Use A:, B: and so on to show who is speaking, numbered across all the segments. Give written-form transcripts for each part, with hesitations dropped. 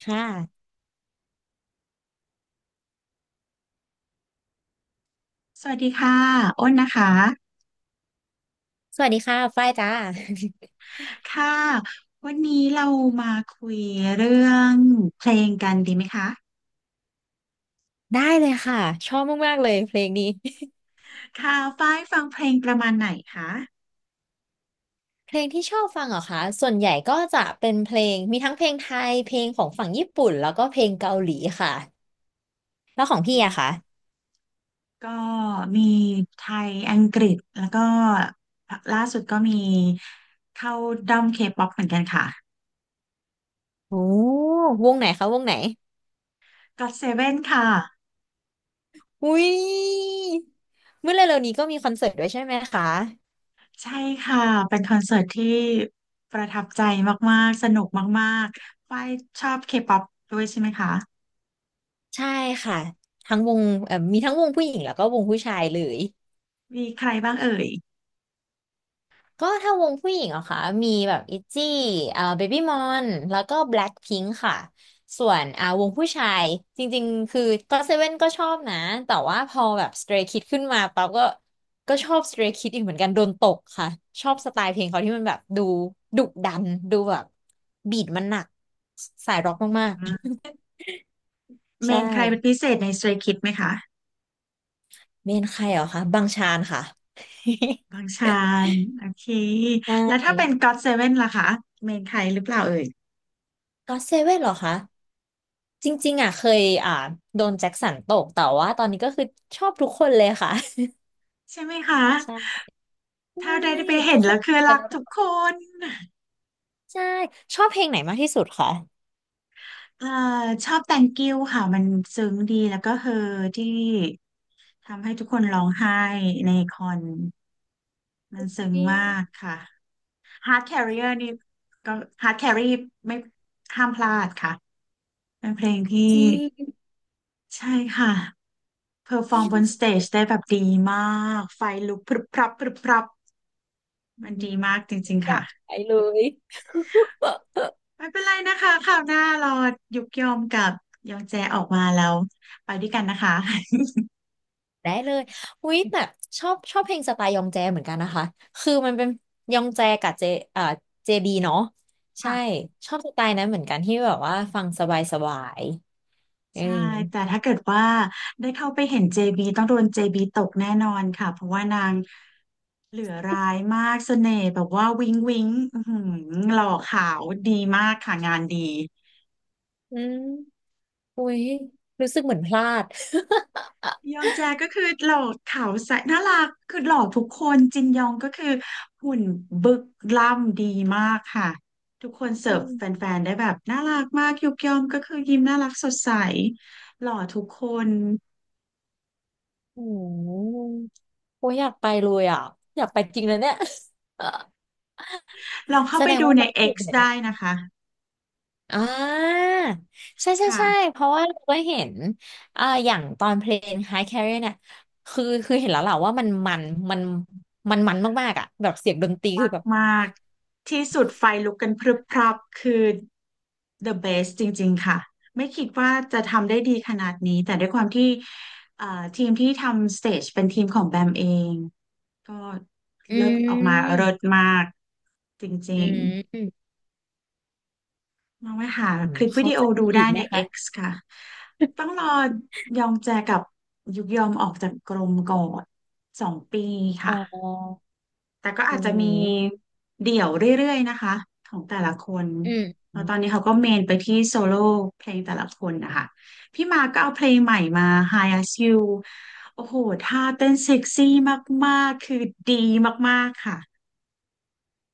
A: ค่ะ
B: สวัสดีค่ะอ้นนะคะ
A: สวัสดีค่ะฝ้ายจ้า
B: ค่ะวันนี้เรามาคุยเรื่องเพลงกันดีไหมคะ
A: ได้เลยค่ะ ชอบมากๆเลยเพลงนี้
B: ค่ะฝ้ายฟังเพลงประมาณไหนคะ
A: เพลงที่ชอบฟังเหรอคะส่วนใหญ่ก็จะเป็นเพลง มีทั้งเพลงไทย เพลงของฝั่งญี่ปุ่น แล้วก็เพลงเกาหลีค่ะแล้วของ
B: อื
A: พี่อะ
B: ม
A: คะ
B: ก็มีไทยอังกฤษแล้วก็ล่าสุดก็มีเข้าด้อมเคป๊อปเหมือนกันค่ะ
A: โอ้วงไหนคะวงไหน
B: God Seven ค่ะ
A: อุ้ยเมื่อเร็วๆนี้ก็มีคอนเสิร์ตด้วยใช่ไหมคะ
B: ใช่ค่ะเป็นคอนเสิร์ตที่ประทับใจมากๆสนุกมากๆฝ้ายชอบเคป๊อปด้วยใช่ไหมคะ
A: ใช่ค่ะทั้งวงมีทั้งวงผู้หญิงแล้วก็วงผู้ชายเลย
B: มีใครบ้างเอ่ย
A: ก็ถ้าวงผู้หญิงเหรอคะมีแบบอิจี้เบบี้มอนแล้วก็แบล็คพิงค์ค่ะส่วนวงผู้ชายจริงๆคือก็เซเว่นก็ชอบนะแต่ว่าพอแบบสเตร y k คิดขึ้นมาปั๊บก็ชอบสเตรย์คิดอีกเหมือนกันโดนตกค่ะชอบสไตล์เพลงเขาที่มันแบบดูดุดันดูแบบบีทมันหนักสายร็อกมากๆ
B: เม
A: ใช่
B: นใครเป็นพิเศษใน Stray Kids ไหมคะ
A: เมนใครเหรอคะบังชานค่ะ
B: บางชานโอเค แล้วถ้า
A: ใช่
B: เป็น God ซเว่นล่ะคะเมนใครหรือเปล่าเอ่ย
A: ก็เซเว่นเหรอคะ จริงๆอ่ะเคยโดนแจ็คสันตกแต่ว่าตอนนี้ก็คือชอบทุกคนเลยค่ะ
B: ใช่ไหมคะ
A: ใช่
B: ถ้าได้ไปเห็
A: ทุ
B: น
A: กค
B: แล้
A: น
B: วคือ
A: แต่
B: รักทุก
A: ละ
B: คน
A: ใช่ชอบเพลงไหนมากที่สุดคะ
B: เอ่อชอบ Thank you ค่ะมันซึ้งดีแล้วก็เฮอที่ทำให้ทุกคนร้องไห้ในคอนมันซึ้ง
A: จ
B: มากค่ะ Heart Carrier นี่ก็ Heart Carry ไม่ห้ามพลาดค่ะเป็นเพลงที่
A: ริง
B: ใช่ค่ะ เพอร์ฟอร์มบนสเตจได้แบบดีมากไฟลุกพรึบพรับพรึบพรับ
A: ๆอื
B: มันดี
A: ม
B: มากจริงๆ
A: อยา
B: ค่ะ
A: กไปเลย
B: ไม่เป็นไรนะคะคราวหน้าเรายุกยอมกับยองแจออกมาแล้วไปด้วยกันนะคะ
A: ได้เลยอุ๊ยแบบชอบเพลงสไตล์ยองแจเหมือนกันนะคะคือมันเป็นยองแจกับเจอ่าเจบีเนาะ ใช่
B: ค่ะ
A: ชอบสไตล์นั้นเหมือนกันที่แบบว่าฟังสบายสบายเออ
B: ใช่แต่ถ้าเกิดว่าได้เข้าไปเห็น JB ต้องโดน JB ตกแน่นอนค่ะเพราะว่านางเหลือร้ายมากเสน่ห์แบบว่าวิ้งวิ้งอื้อหือหล่อขาวดีมากค่ะงานดี
A: อืม อุ้ยรู้สึกเหมือนพลาด
B: ยองแจก็คือหล่อขาวใสน่ารักคือหล่อทุกคนจินยองก็คือหุ่นบึกล่ำดีมากค่ะทุกคน
A: อื
B: เสิร์ฟ
A: ม
B: แ ฟนๆได้แบบน่ารักมากยุกยอมก็คือยิ้มน่ารักสดใสหล่อทุกคน
A: โอ้โหโอ้ยอยากไปเลยอ่ะอยากไปจริงเลยเนี่ย เออ
B: ลองเข้า
A: แส
B: ไป
A: ดง
B: ดู
A: ว่า
B: ใน
A: มันคือยู่
B: X
A: เดือดได้
B: ได้นะคะ
A: อ่าใช่ใช่ใช่
B: ค่ะ
A: เพราะว่าเราก็เห็นอย่างตอนเพลง High Carrier เนี่ยคือเห็นแล้วแหละว่ามันมันมากๆอ่ะแบบเสียงดนตรีคื
B: มา
A: อ
B: ก
A: แบบ
B: มากที่สุดไฟลุกกันพรึบพรับคือ the best จริงๆค่ะไม่คิดว่าจะทำได้ดีขนาดนี้แต่ด้วยความที่ทีมที่ทำสเตจเป็นทีมของแบมเอง ก็
A: อื
B: เลิศออกมา
A: ม
B: เลิศมากจ
A: อื
B: ริง
A: มอืม
B: ๆลองไปหา
A: โห
B: คลิปวิ
A: เขา
B: ดีโอ
A: จะ
B: ดู
A: มีอี
B: ได้
A: กไหม
B: ใน
A: คะ
B: X ค่ะต้องรอยองแจกับยุกยอมออกจากกรมก่อนสองปี
A: อ๋
B: ค่ะ
A: อ
B: แต่ก็
A: อื
B: อาจจะมี
A: ม
B: เดี่ยวเรื่อยๆนะคะของแต่ละคน
A: อืม
B: แล้วตอนนี้เขาก็เมนไปที่โซโล่เพลงแต่ละคนนะคะพี่มาก็เอาเพลงใหม่มา Hi As You โอ้โหท่าเต้นเซ็กซี่มากๆคือดีมากๆค่ะ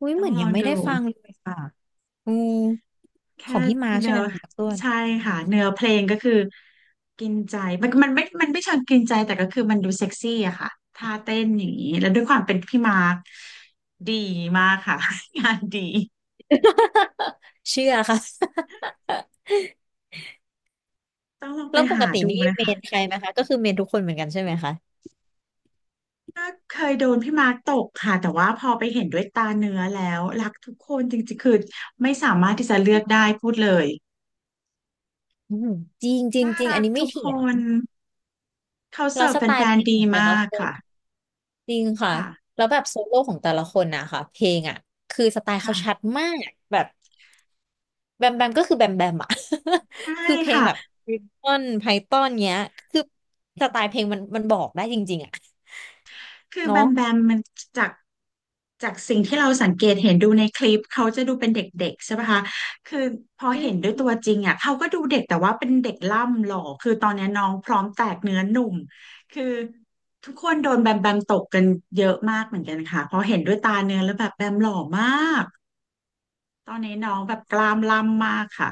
A: อุ้ย
B: ต้
A: เห
B: อง
A: มือน
B: ลอ
A: ยั
B: ง
A: งไม่ได้
B: ดู
A: ฟังเลยค่ะอืม ข
B: แค่
A: องพี่มาร์คใช่
B: เนื้
A: ไห
B: อ
A: มของพั่ต้วน
B: ใช่ค่ะเนื้อเพลงก็คือกินใจมันมันไม่มันไม่เชิงกินใจแต่ก็คือมันดูเซ็กซี่อะค่ะท่าเต้นอย่างนี้แล้วด้วยความเป็นพี่มาร์คดีมากค่ะ งานดี
A: เชื่อค่ะ
B: ต้องลอง ไป
A: แล้วป
B: หา
A: กติ
B: ดู
A: นี่
B: นะ
A: เม
B: คะ
A: นใครไหมคะก็คือเมนทุกคนเหมือนกันใช่ไหมคะ
B: ก็เคยโดนพี่มาร์คตกค่ะแต่ว่าพอไปเห็นด้วยตาเนื้อแล้วรักทุกคนจริงๆคือไม่สามารถที่จะเลือกได้พูดเลย
A: อืมจริงจริง
B: น่า
A: จริง
B: รั
A: อัน
B: ก
A: นี้ไม่
B: ทุก
A: เถี
B: ค
A: ยง
B: นเขา
A: เรา
B: เสิร์
A: ส
B: ฟ
A: ไต
B: แฟ
A: ล์เพ
B: น
A: ลง
B: ๆ
A: ข
B: ดี
A: องแต่ละ
B: มาก
A: คน
B: ค่ะ
A: จริงค่ะ
B: ค่ะ
A: แล้วแบบโซโล่ของแต่ละคนนะคะเพลงอ่ะคือสไตล์เขาชัด
B: ค่ะ
A: มากแบบแบมแบมก็คือแบมแบมอ่ะ
B: ใช่
A: คือเพลง
B: ค่ะ
A: แบบริปต้นไพทอนเนี้ยคือสไตล์เพลงมันบอกได้จริงๆอ่ะ
B: คือแบ
A: เนาะ
B: มแบมมันจากจากสิ่งที่เราสังเกตเห็นดูในคลิปเขาจะดูเป็นเด็กๆใช่ปะคะคือพอ
A: อื
B: เห็นด้ว
A: ม
B: ยตัวจริงอ่ะเขาก็ดูเด็กแต่ว่าเป็นเด็กล่ำหล่อ คือตอนนี้น้องพร้อมแตกเนื้อหนุ่มคือทุกคนโดนแบมแบมตกกันเยอะมากเหมือนกันค่ะพอเห็นด้วยตาเนื้อแล้วแบบแบมหล่อมากตอนนี้น้องแบบกล้ามล่ำมากค่ะ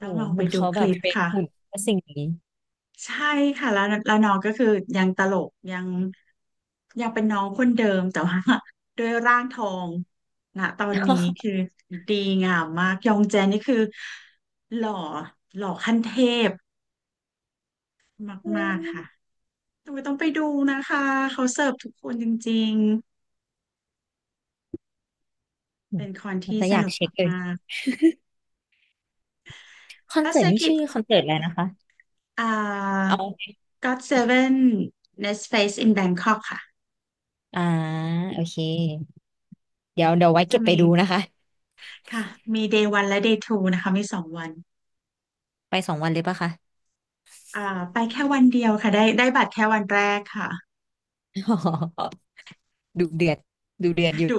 B: ต้
A: อ้
B: อง
A: โห
B: ลอง
A: เห
B: ไป
A: มือน
B: ดู
A: เขา
B: ค
A: แบบ
B: ลิป
A: เทรน
B: ค่ะ
A: หุ่นกับสิ่งนี้
B: ใช่ค่ะแล้วน้องก็คือยังตลกยังเป็นน้องคนเดิมแต่ว่า ด้วยร่างทองนะตอนนี้คือดีงามมากยองแจนนี่คือหล่อหล่อขั้นเทพมากๆค่ะ ต้องไปดูนะคะเขาเสิร์ฟทุกคนจริงๆเป็นคอน
A: เรา
B: ที่
A: จะ
B: ส
A: อยาก
B: นุก
A: เช็คเลย
B: มาก
A: คอ
B: ๆ
A: น
B: แล้ว
A: เสิ
B: เซ
A: ร์ต
B: อร์
A: นี่
B: กิต
A: ชื่อคอนเสิร์ตอะไรนะคะ
B: อ่า
A: เอา
B: ก o ดเซเวน Nest Space in Bangkok ค่ะ
A: อ่าโอเคเดี๋ยวไว้
B: จะ
A: เก็บไป
B: มี
A: ดูนะคะ
B: ค่ะมี Day 1และ Day 2นะคะมีสองวัน
A: ไปสองวันเลยปะคะ
B: อ่าไปแค่วันเดียวค่ะได้ได้บัตรแค่วันแรกค่ะ
A: อ๋อ ดูเดือดอยู่
B: ดุ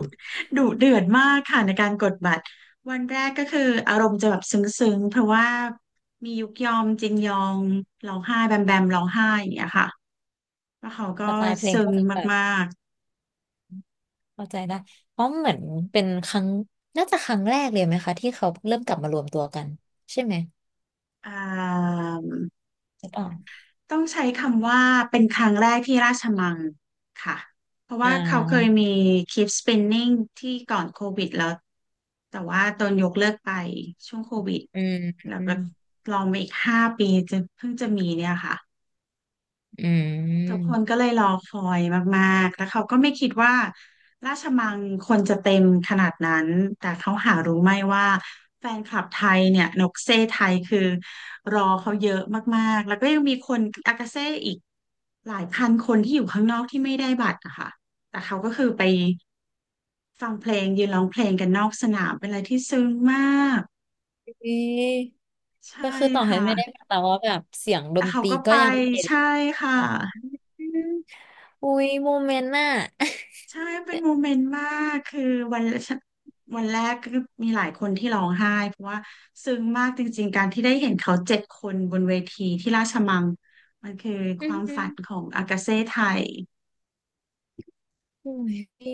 B: ดุเดือดมากค่ะในการกดบัตรวันแรกก็คืออารมณ์จะแบบซึ้งๆเพราะว่ามียุกยอมจินยองร้องไห้แบมแบมร้องไห้อย่างเงี้ยค่ะแล้วเขาก็
A: สไตล์เพลง
B: ซึ้
A: ก็
B: ง
A: จะแบบ
B: มาก
A: เข้าใจได้เพราะเหมือนเป็นครั้งน่าจะครั้งแรกเลยไหมคะที่เขาเริ่มกลับมารวมตัวกันใช่ไหม
B: ๆ
A: หรือเปล่า
B: ต้องใช้คำว่าเป็นครั้งแรกที่ราชมังค่ะเพราะ
A: อ่
B: ว่าเขาเคย
A: า
B: มี Keep Spinning ที่ก่อนโควิดแล้วแต่ว่าตอนยกเลิกไปช่วงโควิด
A: อืม
B: แล้วก็
A: อ
B: ลองไปอีกห้าปีจะเพิ่งจะมีเนี่ยค่ะ
A: ื
B: ทุก
A: ม
B: คนก็เลยรอคอยมากๆ แล้วเขาก็ไม่คิดว่าราชมังคนจะเต็มขนาดนั้น แต่เขาหารู้ไหมว่าแฟนคลับไทยเนี่ยนกเซ่ไทยคือรอเขาเยอะมากๆแล้วก็ยังมีคนอากาเซ่อีกหลายพันคนที่อยู่ข้างนอกที่ไม่ได้บัตรอะค่ะแต่เขาก็คือไปฟังเพลงยืนร้องเพลงกันนอกสนามเป็นอะไรที่ซึ้งมาก
A: เอ๊ะ
B: ใช่
A: ก็คือต่อให้
B: ค่ะ
A: ไม่ได้มาแต่ว่าแบบเสียงด
B: แล้ว
A: น
B: เขา
A: ตรี
B: ก็
A: ก็
B: ไป
A: ยังโอเค
B: ใช่ค่ะ
A: อืมอุ้ยโมเมนต์น่ะ
B: ใช่ เป็นโมเมนต์มากคือวัน วันแรกก็มีหลายคนที่ร้องไห้เพราะว่าซึ้งมากจริงๆการที่ได้เห็นเขาเจ็ดคนบนเวทีที่ราชมังมันคือค
A: อืม
B: วาม
A: อื
B: ฝั
A: ม
B: นของอากาเซ่ไทย
A: อุ้ยพี่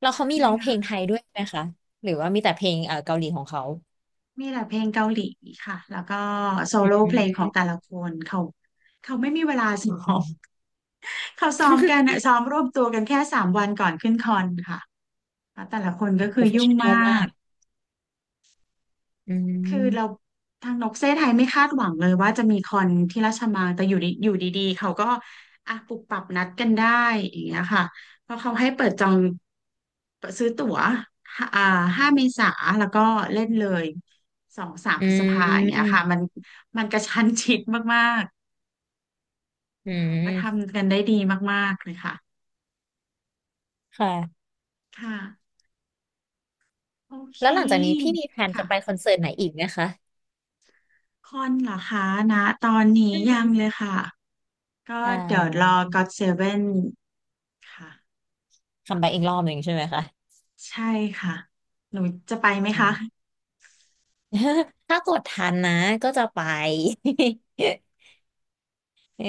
A: แล้ว
B: ใช
A: เขามี
B: ่
A: ร้องเพลงไท
B: ค่ะ
A: ยด้วยไหมคะหรือว่ามีแต่เพลงเกาหลีของเขา
B: มีแต่เพลงเกาหลีค่ะแล้วก็โซ
A: อื
B: โล่เพลงของแต่
A: ม
B: ละคนเขาไม่มีเวลาซ้อ
A: อื
B: ม
A: ม
B: เขาซ้อมกันอะ ซ้อมรวบตัวกันแค่สามวันก่อนขึ้นคอนค่ะแล้วแต่ละคนก็
A: โป
B: คือ
A: รเฟช
B: ยุ่ง
A: ชั่นอ
B: มา
A: ลมา
B: ก
A: กอื
B: คือเรา
A: ม
B: ทางนกเซไทยไม่คาดหวังเลยว่าจะมีคอนที่ราชมังแต่อยู่ดีๆเขาก็อ่ะปุบปับนัดกันได้อย่างเงี้ยค่ะเพราะเขาให้เปิดจองเปิดซื้อตั๋วห้าอ่าห้าเมษาแล้วก็เล่นเลยสองสาม
A: อื
B: พฤษภาอย่างเงี้ยค่ะ
A: ม
B: มันกระชั้นชิดมากๆ
A: อื
B: แต่เขาก็
A: ม
B: ทำกันได้ดีมากๆเลยค่ะ
A: ค่ะ
B: ค่ะโอเค
A: แล้วหลังจากนี้พี่มีแผน
B: ค่ะ
A: จะไปคอนเสิร์ตไหนอีกไหมคะ
B: คอนเหรอคะนะตอนนี้
A: อื
B: ยังเล
A: ม
B: ยค่ะก็
A: อ่
B: เดี๋ยวรอ
A: า
B: กอดเซเว่น ค่ะ
A: คำไปอีกรอบหนึ่งใช่ไหมคะ
B: ใช่ค่ะหนูจะไปไหม
A: อื
B: คะ
A: ม ถ้ากดทันนะก็จะไป เออ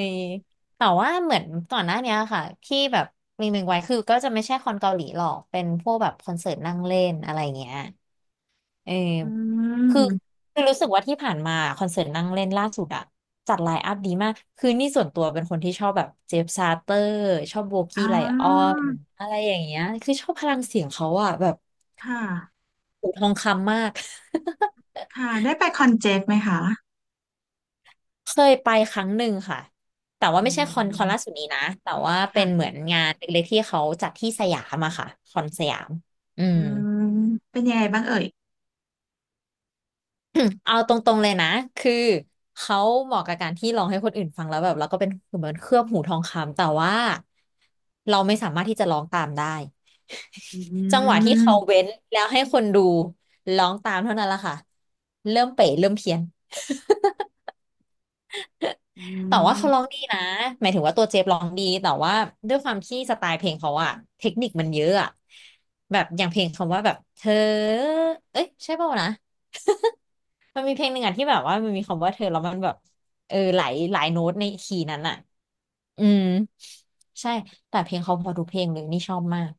A: แต่ว่าเหมือนก่อนหน้าเนี้ยค่ะที่แบบมีหนึ่งไว้คือก็จะไม่ใช่คอนเกาหลีหรอกเป็นพวกแบบคอนเสิร์ตนั่งเล่นอะไรเงี้ยเออ
B: อื
A: คือ
B: ม
A: รู้สึกว่าที่ผ่านมาคอนเสิร์ตนั่งเล่นล่าสุดอะจัดไลน์อัพดีมากคือนี่ส่วนตัวเป็นคนที่ชอบแบบเจฟซาเตอร์ชอบโบกี้
B: อ่า
A: ไลออนอะไรอย่างเงี้ยคือชอบพลังเสียงเขาอะแบบ
B: ค่ะ
A: หูทองคำมาก
B: ค่ะได้ไปคอนเจ็ตไหมคะ
A: เคยไปครั้งหนึ่งค่ะ แต่ว่า
B: อื
A: ไม่ใช่คอนล่าสุ
B: ม
A: ดนี้นะแต่ว่าเป็นเห
B: ค่ะ
A: มือนงานเล็กๆที่เขาจัดที่สยามอะค่ะคอนสยามอื
B: อื
A: ม
B: มเป็นยังไงบ้างเอ่ย
A: เอาตรงๆเลยนะคือเขาเหมาะกับการที่ร้องให้คนอื่นฟังแล้วแบบแล้วก็เป็นเหมือนเคลือบหูทองคำแต่ว่าเราไม่สามารถที่จะร้องตามได้
B: อื
A: จังหวะที่เขา
B: ม
A: เว้นแล้วให้คนดูร้องตามเท่านั้นแหละค่ะเริ่มเป๋เริ่มเพี้ยน
B: อื
A: แต่ว่าเขาร้อง
B: ม
A: ดีนะหมายถึงว่าตัวเจฟร้องดีแต่ว่าด้วยความที่สไตล์เพลงเขาอะเทคนิคมันเยอะอะแบบอย่างเพลงคำว่าแบบเธอเอ้ยใช่เปล่าวนะมันมีเพลงหนึ่งอะที่แบบว่ามันมีคำว่าเธอแล้วมันแบบเออหลายโน้ตในคีย์นั้นอะอืมใช่แต่เพลงเขาพอทุกเพลงเลยนี่ชอบมาก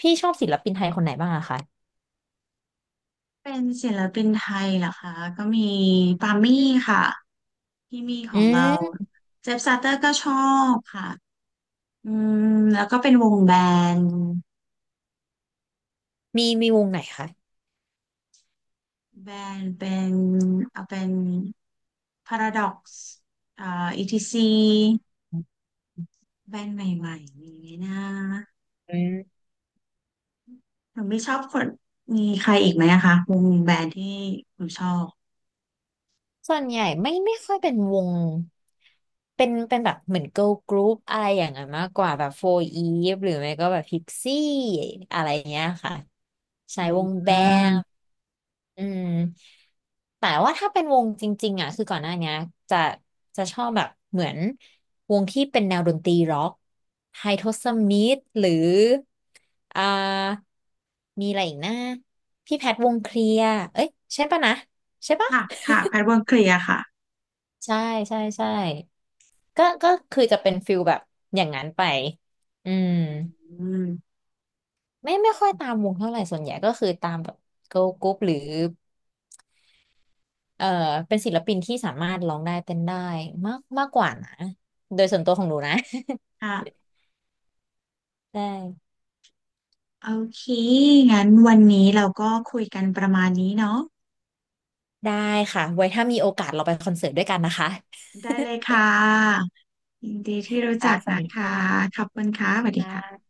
A: พี่ชอบศิลปินไทยคนไหนบ้างอะคะ
B: เป็นศิลปินไทยเหรอคะก็มีปามี่ค่ะที่มีข
A: อื
B: องเรา
A: ม
B: เจฟซาเตอร์ก็ชอบค่ะอืมแล้วก็เป็นวงแบนด์
A: มีวงไหนคะ
B: แบนเป็นเอาเป็น Paradox อ่า ETC แบรนด์ใหม่ๆอย่างนี้นะ
A: อืม
B: หนูไม่ชอบคนมีใครอีกไหมอะคะวงแบรนด์ที่หนูชอบ
A: ส่วนใหญ่ไม่ค่อยเป็นวงเป็นแบบเหมือน girl group อะไรอย่างนั้นมากกว่าแบบ4 Eve หรือไม่ก็แบบ Pixie อะไรเงี้ยค่ะใช้
B: อื
A: วง
B: ม
A: แบมอืมแต่ว่าถ้าเป็นวงจริงๆอ่ะคือก่อนหน้าเนี้ยจะชอบแบบเหมือนวงที่เป็นแนวดนตรีร็อกไฮโทสมิธหรืออ่ามีอะไรอีกนะพี่แพทวงเคลียร์เอ้ยใช่ปะนะใช่ปะ
B: อ่ะค่ะแพทวงเคลียร์ค่ะ
A: ใช่ใช่ก็คือจะเป็นฟิลแบบอย่างนั้นไปอืม
B: อืม
A: ไม่ค่อยตามวงเท่าไหร่ส่วนใหญ่ก็คือตามแบบเกิร์ลกรุ๊ปหรือเอ่อเป็นศิลปินที่สามารถร้องได้เต้นได้มากมากกว่านะโดยส่วนตัวของหนูนะ
B: ค่ะ
A: ได้
B: โอเคงั้นวันนี้เราก็คุยกันประมาณนี้เนาะ
A: ได้ค่ะไว้ถ้ามีโอกาสเราไปคอนเสิร์ตด้วยกันนะคะ
B: ได้เลยค่ะยินดีที่รู้
A: ค่ะ
B: จัก
A: สวัส
B: นะ
A: ดี
B: คะ
A: ค่ะ
B: ขอบคุณค่ะสวัสดีค่ะ